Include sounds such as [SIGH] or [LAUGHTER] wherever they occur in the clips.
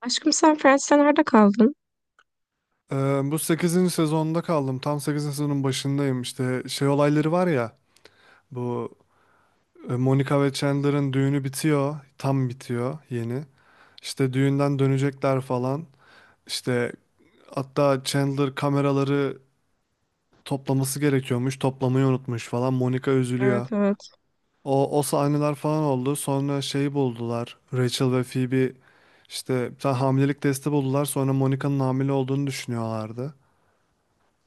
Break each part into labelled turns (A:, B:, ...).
A: Aşkım sen Friends'te nerede kaldın?
B: Ee, Bu sekizinci sezonda kaldım. Tam sekizinci sezonun başındayım. İşte şey olayları var ya. Bu Monica ve Chandler'ın düğünü bitiyor. Tam bitiyor yeni. İşte düğünden dönecekler falan. İşte hatta Chandler kameraları toplaması gerekiyormuş. Toplamayı unutmuş falan. Monica üzülüyor.
A: Evet, evet.
B: O, o sahneler falan oldu. Sonra şeyi buldular. Rachel ve Phoebe işte bir tane hamilelik testi buldular. Sonra Monica'nın hamile olduğunu düşünüyorlardı.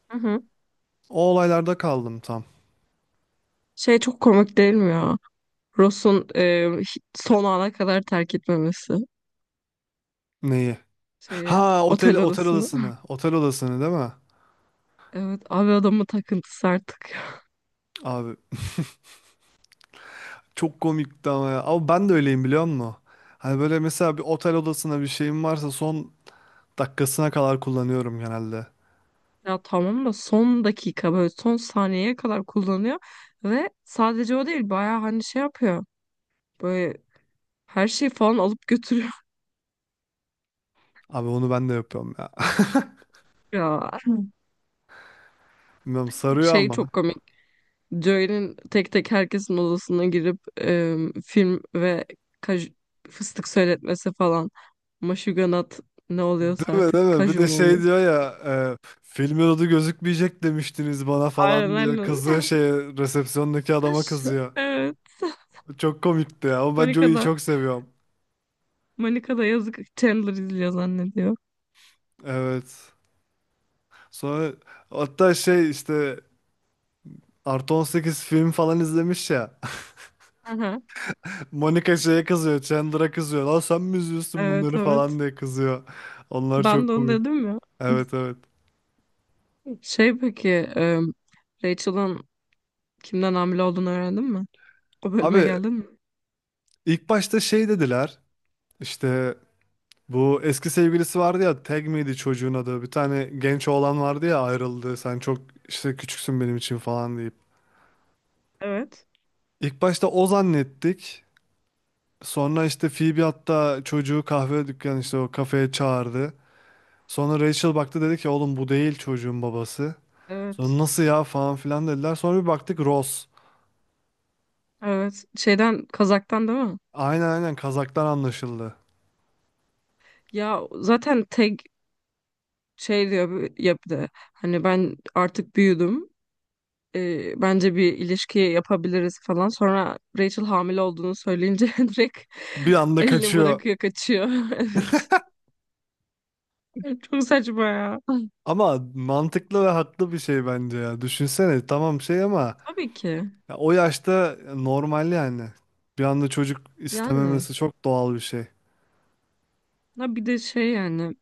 A: Hı hı.
B: O olaylarda kaldım tam.
A: Şey, çok komik değil mi ya? Ross'un son ana kadar terk etmemesi.
B: Neyi?
A: Şeyi,
B: Ha otel
A: otel odasını.
B: odasını.
A: [LAUGHS]
B: Otel odasını değil mi?
A: Evet abi, adamın takıntısı artık.
B: Abi çok komikti ama ya. Ama ben de öyleyim biliyor musun? Hani böyle mesela bir otel odasına bir şeyim varsa son dakikasına kadar kullanıyorum genelde.
A: Ya tamam da son dakika, böyle son saniyeye kadar kullanıyor. Ve sadece o değil, bayağı hani şey yapıyor. Böyle her şeyi falan alıp götürüyor.
B: Abi onu ben de yapıyorum ya.
A: [LAUGHS] Ya.
B: [LAUGHS] Bilmiyorum sarıyor
A: Şey,
B: ama.
A: çok komik. Joel'in tek tek herkesin odasına girip film ve kaj- fıstık söyletmesi falan. Maşuganat ne oluyorsa
B: Değil mi değil
A: artık,
B: mi? Bir
A: kaju
B: de
A: mu
B: şey
A: oluyor?
B: diyor ya filmin adı gözükmeyecek demiştiniz bana
A: Aynen,
B: falan diyor.
A: aynen.
B: Kızıyor şey resepsiyondaki adama
A: [LAUGHS]
B: kızıyor.
A: Evet.
B: Çok komikti ya ama ben
A: Monica
B: Joey'yi
A: da,
B: çok seviyorum.
A: Monica da yazık, Chandler izliyor zannediyor.
B: Evet. Sonra hatta şey işte Artı 18 film falan izlemiş ya.
A: Aha.
B: [LAUGHS] Monica şeye kızıyor. Chandler'a kızıyor. Lan sen mi izliyorsun
A: Evet,
B: bunları
A: evet.
B: falan diye kızıyor. Onlar
A: Ben
B: çok
A: de onu
B: komik.
A: dedim ya.
B: Evet, evet.
A: Şey peki, Rachel'ın kimden hamile olduğunu öğrendin mi? O bölüme
B: Abi
A: geldin mi?
B: ilk başta şey dediler. İşte bu eski sevgilisi vardı ya. Tag miydi çocuğun adı? Bir tane genç oğlan vardı ya ayrıldı. Sen çok işte küçüksün benim için falan deyip.
A: Evet.
B: İlk başta o zannettik. Sonra işte Phoebe hatta çocuğu kahve dükkanı işte o kafeye çağırdı. Sonra Rachel baktı dedi ki oğlum bu değil çocuğun babası.
A: Evet.
B: Sonra nasıl ya falan filan dediler. Sonra bir baktık Ross.
A: Evet. Şeyden, Kazak'tan değil mi?
B: Aynen aynen Kazak'tan anlaşıldı.
A: Ya zaten tek şey diyor, ya bir de hani ben artık büyüdüm. Bence bir ilişki yapabiliriz falan. Sonra Rachel hamile olduğunu söyleyince [LAUGHS] direkt
B: Bir anda
A: elini
B: kaçıyor.
A: bırakıyor, kaçıyor. [LAUGHS] Evet. Çok saçma ya.
B: Ama mantıklı ve haklı bir şey bence ya. Düşünsene tamam şey ama
A: Tabii ki.
B: ya o yaşta normal yani. Bir anda çocuk
A: Yani.
B: istememesi çok doğal bir şey.
A: Ha bir de şey yani,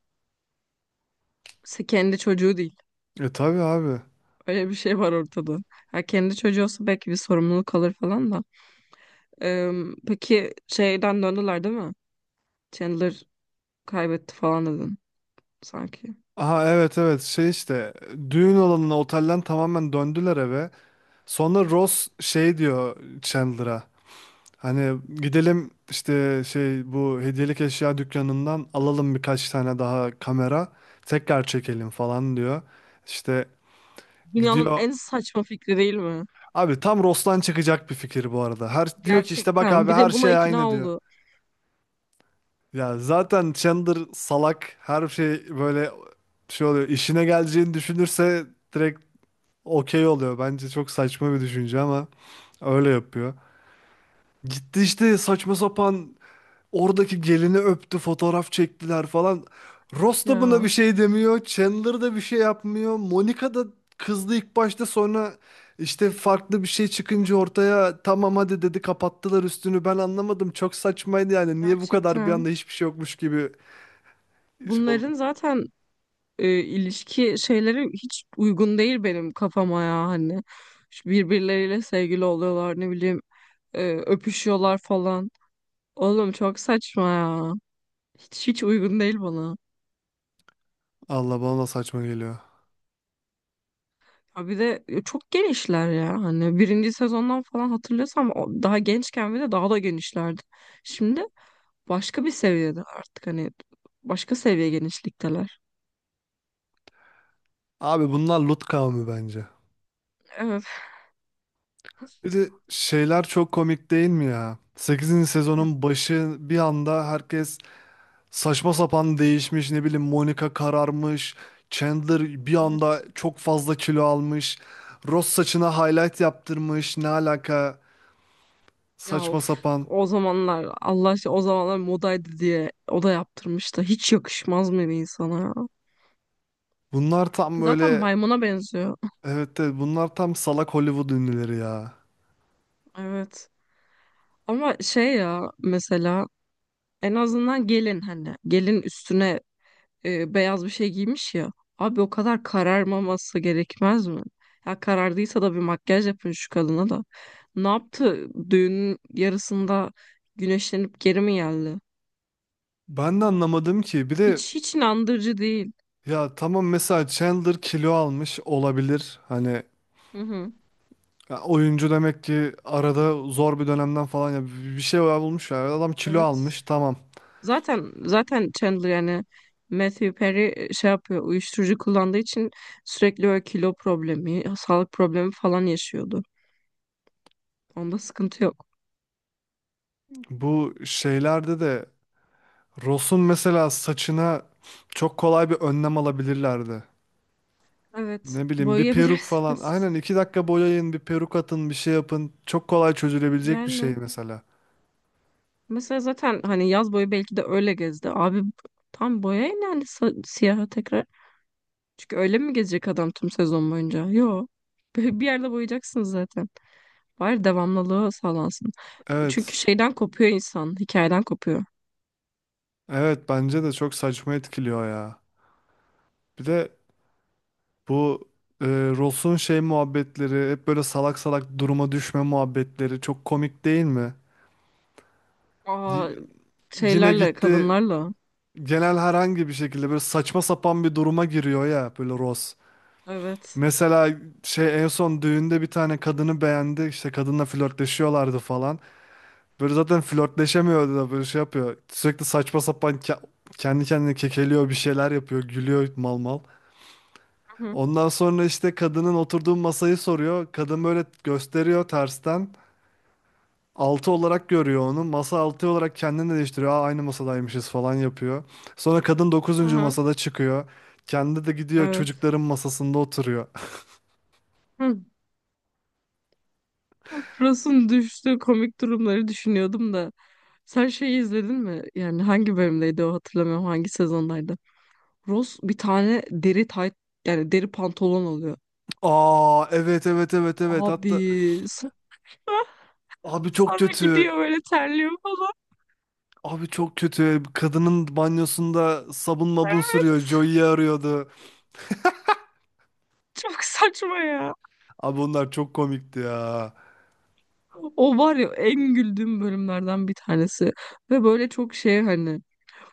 A: kendi çocuğu değil.
B: E tabii abi.
A: Öyle bir şey var ortada. Ha kendi çocuğu olsa belki bir sorumluluk alır falan da. Ee, peki şeyden döndüler değil mi? Chandler kaybetti falan dedin sanki.
B: Aha, evet evet şey işte düğün olanına otelden tamamen döndüler eve. Sonra Ross şey diyor Chandler'a. Hani gidelim işte şey bu hediyelik eşya dükkanından alalım birkaç tane daha kamera tekrar çekelim falan diyor. İşte
A: Dünyanın
B: gidiyor.
A: en saçma fikri değil mi?
B: Abi tam Ros'tan çıkacak bir fikir bu arada. Her diyor ki işte bak
A: Gerçekten.
B: abi
A: Bir
B: her
A: de buna
B: şey aynı
A: ikna
B: diyor.
A: oldu.
B: Ya zaten Chandler salak her şey böyle şey oluyor. İşine geleceğini düşünürse direkt okey oluyor. Bence çok saçma bir düşünce ama öyle yapıyor. Gitti işte saçma sapan oradaki gelini öptü, fotoğraf çektiler falan. Ross da buna bir
A: Ya
B: şey demiyor. Chandler da bir şey yapmıyor. Monica da kızdı ilk başta sonra işte farklı bir şey çıkınca ortaya tamam hadi dedi kapattılar üstünü. Ben anlamadım. Çok saçmaydı yani. Niye bu kadar bir
A: gerçekten.
B: anda hiçbir şey yokmuş gibi şey oldu.
A: Bunların zaten ilişki şeyleri hiç uygun değil benim kafama ya hani. Şu birbirleriyle sevgili oluyorlar, ne bileyim öpüşüyorlar falan. Oğlum çok saçma ya. Hiç uygun değil bana.
B: Allah bana da saçma geliyor.
A: Ha bir de çok genişler ya, hani birinci sezondan falan hatırlıyorsam daha gençken bir de daha da genişlerdi. Şimdi başka bir seviyede artık, hani başka seviye genişlikteler.
B: Abi bunlar Lut kavmi bence.
A: Evet.
B: Bir de şeyler çok komik değil mi ya? Sekizinci sezonun başı bir anda herkes saçma sapan değişmiş ne bileyim Monica kararmış. Chandler bir anda
A: Evet.
B: çok fazla kilo almış. Ross saçına highlight yaptırmış. Ne alaka?
A: Ya
B: Saçma
A: of.
B: sapan.
A: O zamanlar Allah aşkına, o zamanlar modaydı diye o da yaptırmış da hiç yakışmaz mı bir insana ya?
B: Bunlar tam
A: Zaten
B: böyle
A: maymuna benziyor.
B: evet de bunlar tam salak Hollywood ünlüleri ya.
A: Evet. Ama şey ya, mesela en azından gelin, hani gelin üstüne beyaz bir şey giymiş ya. Abi o kadar kararmaması gerekmez mi? Ya karardıysa da bir makyaj yapın şu kadına da. Ne yaptı? Düğünün yarısında güneşlenip geri mi geldi?
B: Ben de anlamadım ki. Bir de
A: Hiç inandırıcı değil.
B: ya tamam mesela Chandler kilo almış olabilir. Hani
A: Hı hı.
B: ya oyuncu demek ki arada zor bir dönemden falan ya bir şey bulmuş ya. Adam kilo
A: Evet.
B: almış tamam.
A: Zaten Chandler yani Matthew Perry şey yapıyor. Uyuşturucu kullandığı için sürekli öyle kilo problemi, sağlık problemi falan yaşıyordu. Onda sıkıntı yok.
B: Bu şeylerde de Ross'un mesela saçına çok kolay bir önlem alabilirlerdi.
A: Evet.
B: Ne bileyim bir peruk falan.
A: Boyayabilirsiniz.
B: Aynen iki dakika boyayın, bir peruk atın, bir şey yapın. Çok kolay çözülebilecek bir şey
A: Yani
B: mesela.
A: mesela zaten hani yaz boyu belki de öyle gezdi. Abi tam boyayın yani, siyaha tekrar. Çünkü öyle mi gezecek adam tüm sezon boyunca? Yo. [LAUGHS] Bir yerde boyayacaksın zaten. Bari devamlılığı sağlansın. Çünkü
B: Evet.
A: şeyden kopuyor insan. Hikayeden kopuyor.
B: Evet bence de çok saçma etkiliyor ya. Bir de bu e, Ross'un şey muhabbetleri, hep böyle salak salak duruma düşme muhabbetleri çok komik değil mi? Y-
A: Aa,
B: Yine
A: şeylerle,
B: gitti
A: kadınlarla.
B: genel herhangi bir şekilde böyle saçma sapan bir duruma giriyor ya böyle Ross.
A: Evet.
B: Mesela şey en son düğünde bir tane kadını beğendi. İşte kadınla flörtleşiyorlardı falan. Böyle zaten flörtleşemiyordu da böyle şey yapıyor. Sürekli saçma sapan kendi kendine kekeliyor bir şeyler yapıyor. Gülüyor mal mal.
A: Hı hı.
B: Ondan sonra işte kadının oturduğu masayı soruyor. Kadın böyle gösteriyor tersten. Altı olarak görüyor onu. Masa altı olarak kendini de değiştiriyor. Aa, aynı masadaymışız falan yapıyor. Sonra kadın
A: Hı
B: dokuzuncu
A: hı.
B: masada çıkıyor. Kendi de gidiyor
A: Evet.
B: çocukların masasında oturuyor.
A: Hı. Frost'un düştüğü komik durumları düşünüyordum da. Sen şeyi izledin mi? Yani hangi bölümdeydi o, hatırlamıyorum. Hangi sezondaydı? Ross bir tane deri tayt, yani deri pantolon alıyor.
B: Aa, evet evet evet evet hatta
A: Abi sonra, [LAUGHS]
B: abi çok
A: sonra gidiyor,
B: kötü.
A: böyle terliyor falan.
B: Abi çok kötü. Kadının banyosunda sabun mabun sürüyor.
A: Evet.
B: Joey'i arıyordu.
A: Çok saçma ya.
B: Abi onlar çok komikti ya.
A: O var ya, en güldüğüm bölümlerden bir tanesi. Ve böyle çok şey hani,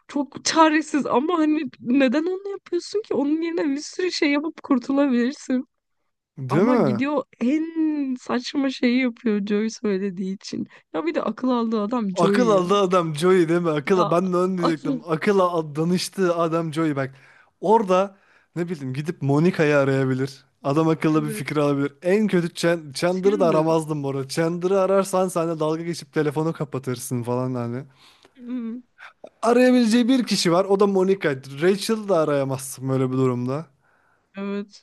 A: çok çaresiz ama hani neden onu yapıyorsun ki? Onun yerine bir sürü şey yapıp kurtulabilirsin.
B: Değil
A: Ama
B: mi?
A: gidiyor en saçma şeyi yapıyor Joey söylediği için. Ya bir de akıl aldığı adam
B: Akıl
A: Joey ya.
B: aldı adam Joey değil mi? Akıl
A: Ya,
B: ben de onu
A: [LAUGHS] akıl.
B: diyecektim. Akıla danıştı adam Joey bak. Orada ne bileyim gidip Monica'yı arayabilir. Adam akıllı bir
A: Evet.
B: fikir alabilir. En kötü Chandler'ı da
A: Chandler.
B: aramazdım bu arada. Chandler'ı ararsan sen de dalga geçip telefonu kapatırsın falan hani.
A: Hmm,
B: Arayabileceği bir kişi var. O da Monica. Rachel'ı da arayamazsın böyle bir durumda.
A: evet.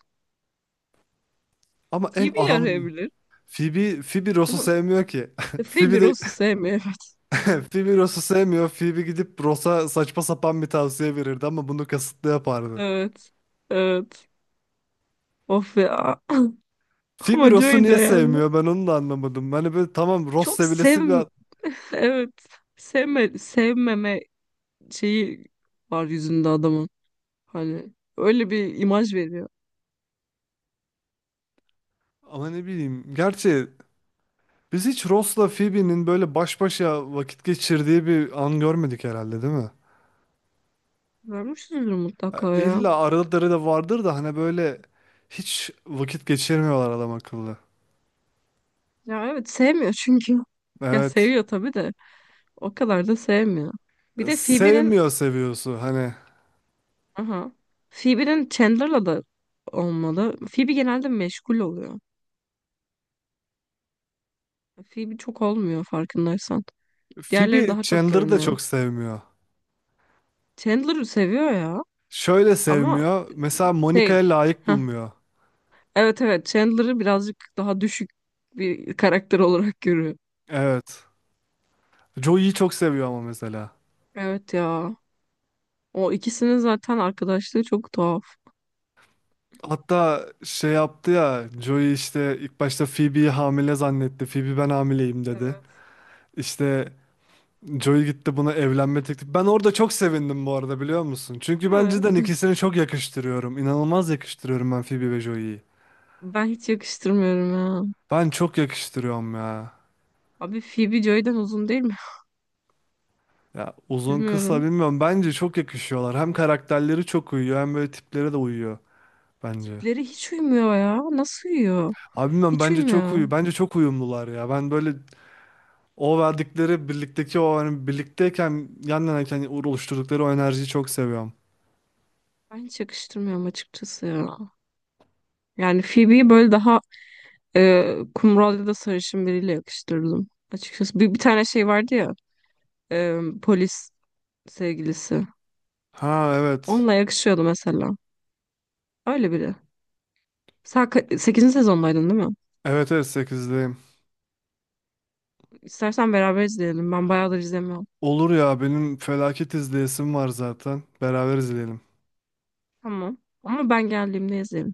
B: Ama en
A: Phoebe
B: aram
A: arayabilir
B: Phoebe, Ross'u
A: ama
B: sevmiyor ki. [LAUGHS] Phoebe
A: Phoebe
B: de
A: Ross'u sevmiyor. [LAUGHS] Evet.
B: [LAUGHS] Phoebe Ross'u sevmiyor. Phoebe gidip Ross'a saçma sapan bir tavsiye verirdi ama bunu kasıtlı yapardı.
A: Evet. Evet. Of ya. Ama
B: Phoebe
A: Joey
B: Ross'u
A: de
B: niye
A: yani.
B: sevmiyor? Ben onu da anlamadım. Hani böyle tamam Ross
A: Çok
B: sevilesi bir
A: sev... [LAUGHS] Evet. Sevme, sevmeme şeyi var yüzünde adamın. Hani öyle bir imaj veriyor.
B: ama ne bileyim. Gerçi biz hiç Ross'la Phoebe'nin böyle baş başa vakit geçirdiği bir an görmedik herhalde, değil mi?
A: Vermişizdir mutlaka
B: Ya
A: ya.
B: İlla araları da vardır da hani böyle hiç vakit geçirmiyorlar adam akıllı.
A: Ya evet, sevmiyor çünkü. [LAUGHS] Ya
B: Evet.
A: seviyor tabii de. O kadar da sevmiyor. Bir de Phoebe'nin.
B: Sevmiyor seviyorsu hani.
A: Aha. Phoebe'nin Chandler'la da olmalı. Phoebe genelde meşgul oluyor. Phoebe çok olmuyor, farkındaysan. Diğerleri
B: Phoebe
A: daha çok
B: Chandler'ı da
A: görünüyor.
B: çok sevmiyor.
A: Chandler'ı seviyor ya,
B: Şöyle
A: ama
B: sevmiyor. Mesela
A: şey,
B: Monica'ya layık
A: heh.
B: bulmuyor.
A: Evet, evet, Chandler'ı birazcık daha düşük bir karakter olarak görüyor.
B: Evet. Joey'yi çok seviyor ama mesela.
A: Evet ya. O ikisinin zaten arkadaşlığı çok tuhaf.
B: Hatta şey yaptı ya Joey işte ilk başta Phoebe'yi hamile zannetti. Phoebe ben hamileyim dedi. İşte Joey gitti buna evlenme teklifi. Ben orada çok sevindim bu arada biliyor musun? Çünkü
A: Değil
B: ben
A: mi?
B: cidden ikisini çok yakıştırıyorum. İnanılmaz yakıştırıyorum ben Phoebe ve Joey'yi.
A: Ben hiç yakıştırmıyorum ya.
B: Ben çok yakıştırıyorum ya.
A: Abi Phoebe Joy'den uzun değil mi?
B: Ya
A: [LAUGHS]
B: uzun kısa
A: Bilmiyorum.
B: bilmiyorum. Bence çok yakışıyorlar. Hem karakterleri çok uyuyor hem böyle tiplere de uyuyor bence.
A: Tipleri hiç uymuyor ya. Nasıl uyuyor?
B: Abi bilmiyorum
A: Hiç
B: bence çok uyu
A: uymuyor.
B: bence çok uyumlular ya. Ben böyle o verdikleri birlikteki o hani birlikteyken yan yanayken oluşturdukları o enerjiyi çok seviyorum.
A: Ben hiç yakıştırmıyorum açıkçası ya. Yani Phoebe'yi böyle daha kumral ya da sarışın biriyle yakıştırdım. Açıkçası bir tane şey vardı ya, polis sevgilisi.
B: Ha, evet.
A: Onunla yakışıyordu mesela. Öyle biri. Sen sekizinci sezondaydın değil mi?
B: Evet, evet 8'deyim.
A: İstersen beraber izleyelim. Ben bayağıdır izlemiyorum.
B: Olur ya benim felaket izleyesim var zaten. Beraber izleyelim.
A: Tamam. Ama ben geldiğimde izleyelim.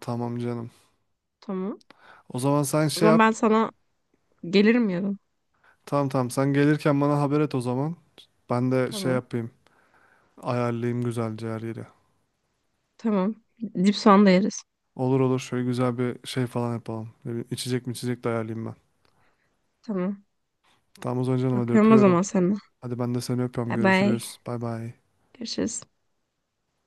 B: Tamam canım.
A: Tamam.
B: O zaman sen
A: O
B: şey
A: zaman ben
B: yap.
A: sana gelirim yarın.
B: Tamam tamam sen gelirken bana haber et o zaman. Ben de şey
A: Tamam.
B: yapayım. Ayarlayayım güzelce her yeri.
A: Tamam. Dip soğan da yeriz.
B: Olur olur şöyle güzel bir şey falan yapalım. Ne bileyim, İçecek mi içecek de ayarlayayım ben.
A: Tamam.
B: Tamam o zaman canım hadi
A: Öpüyorum o
B: öpüyorum.
A: zaman seni.
B: Hadi ben de seni öpüyorum.
A: Bye bye.
B: Görüşürüz. Bay bay.
A: Görüşürüz.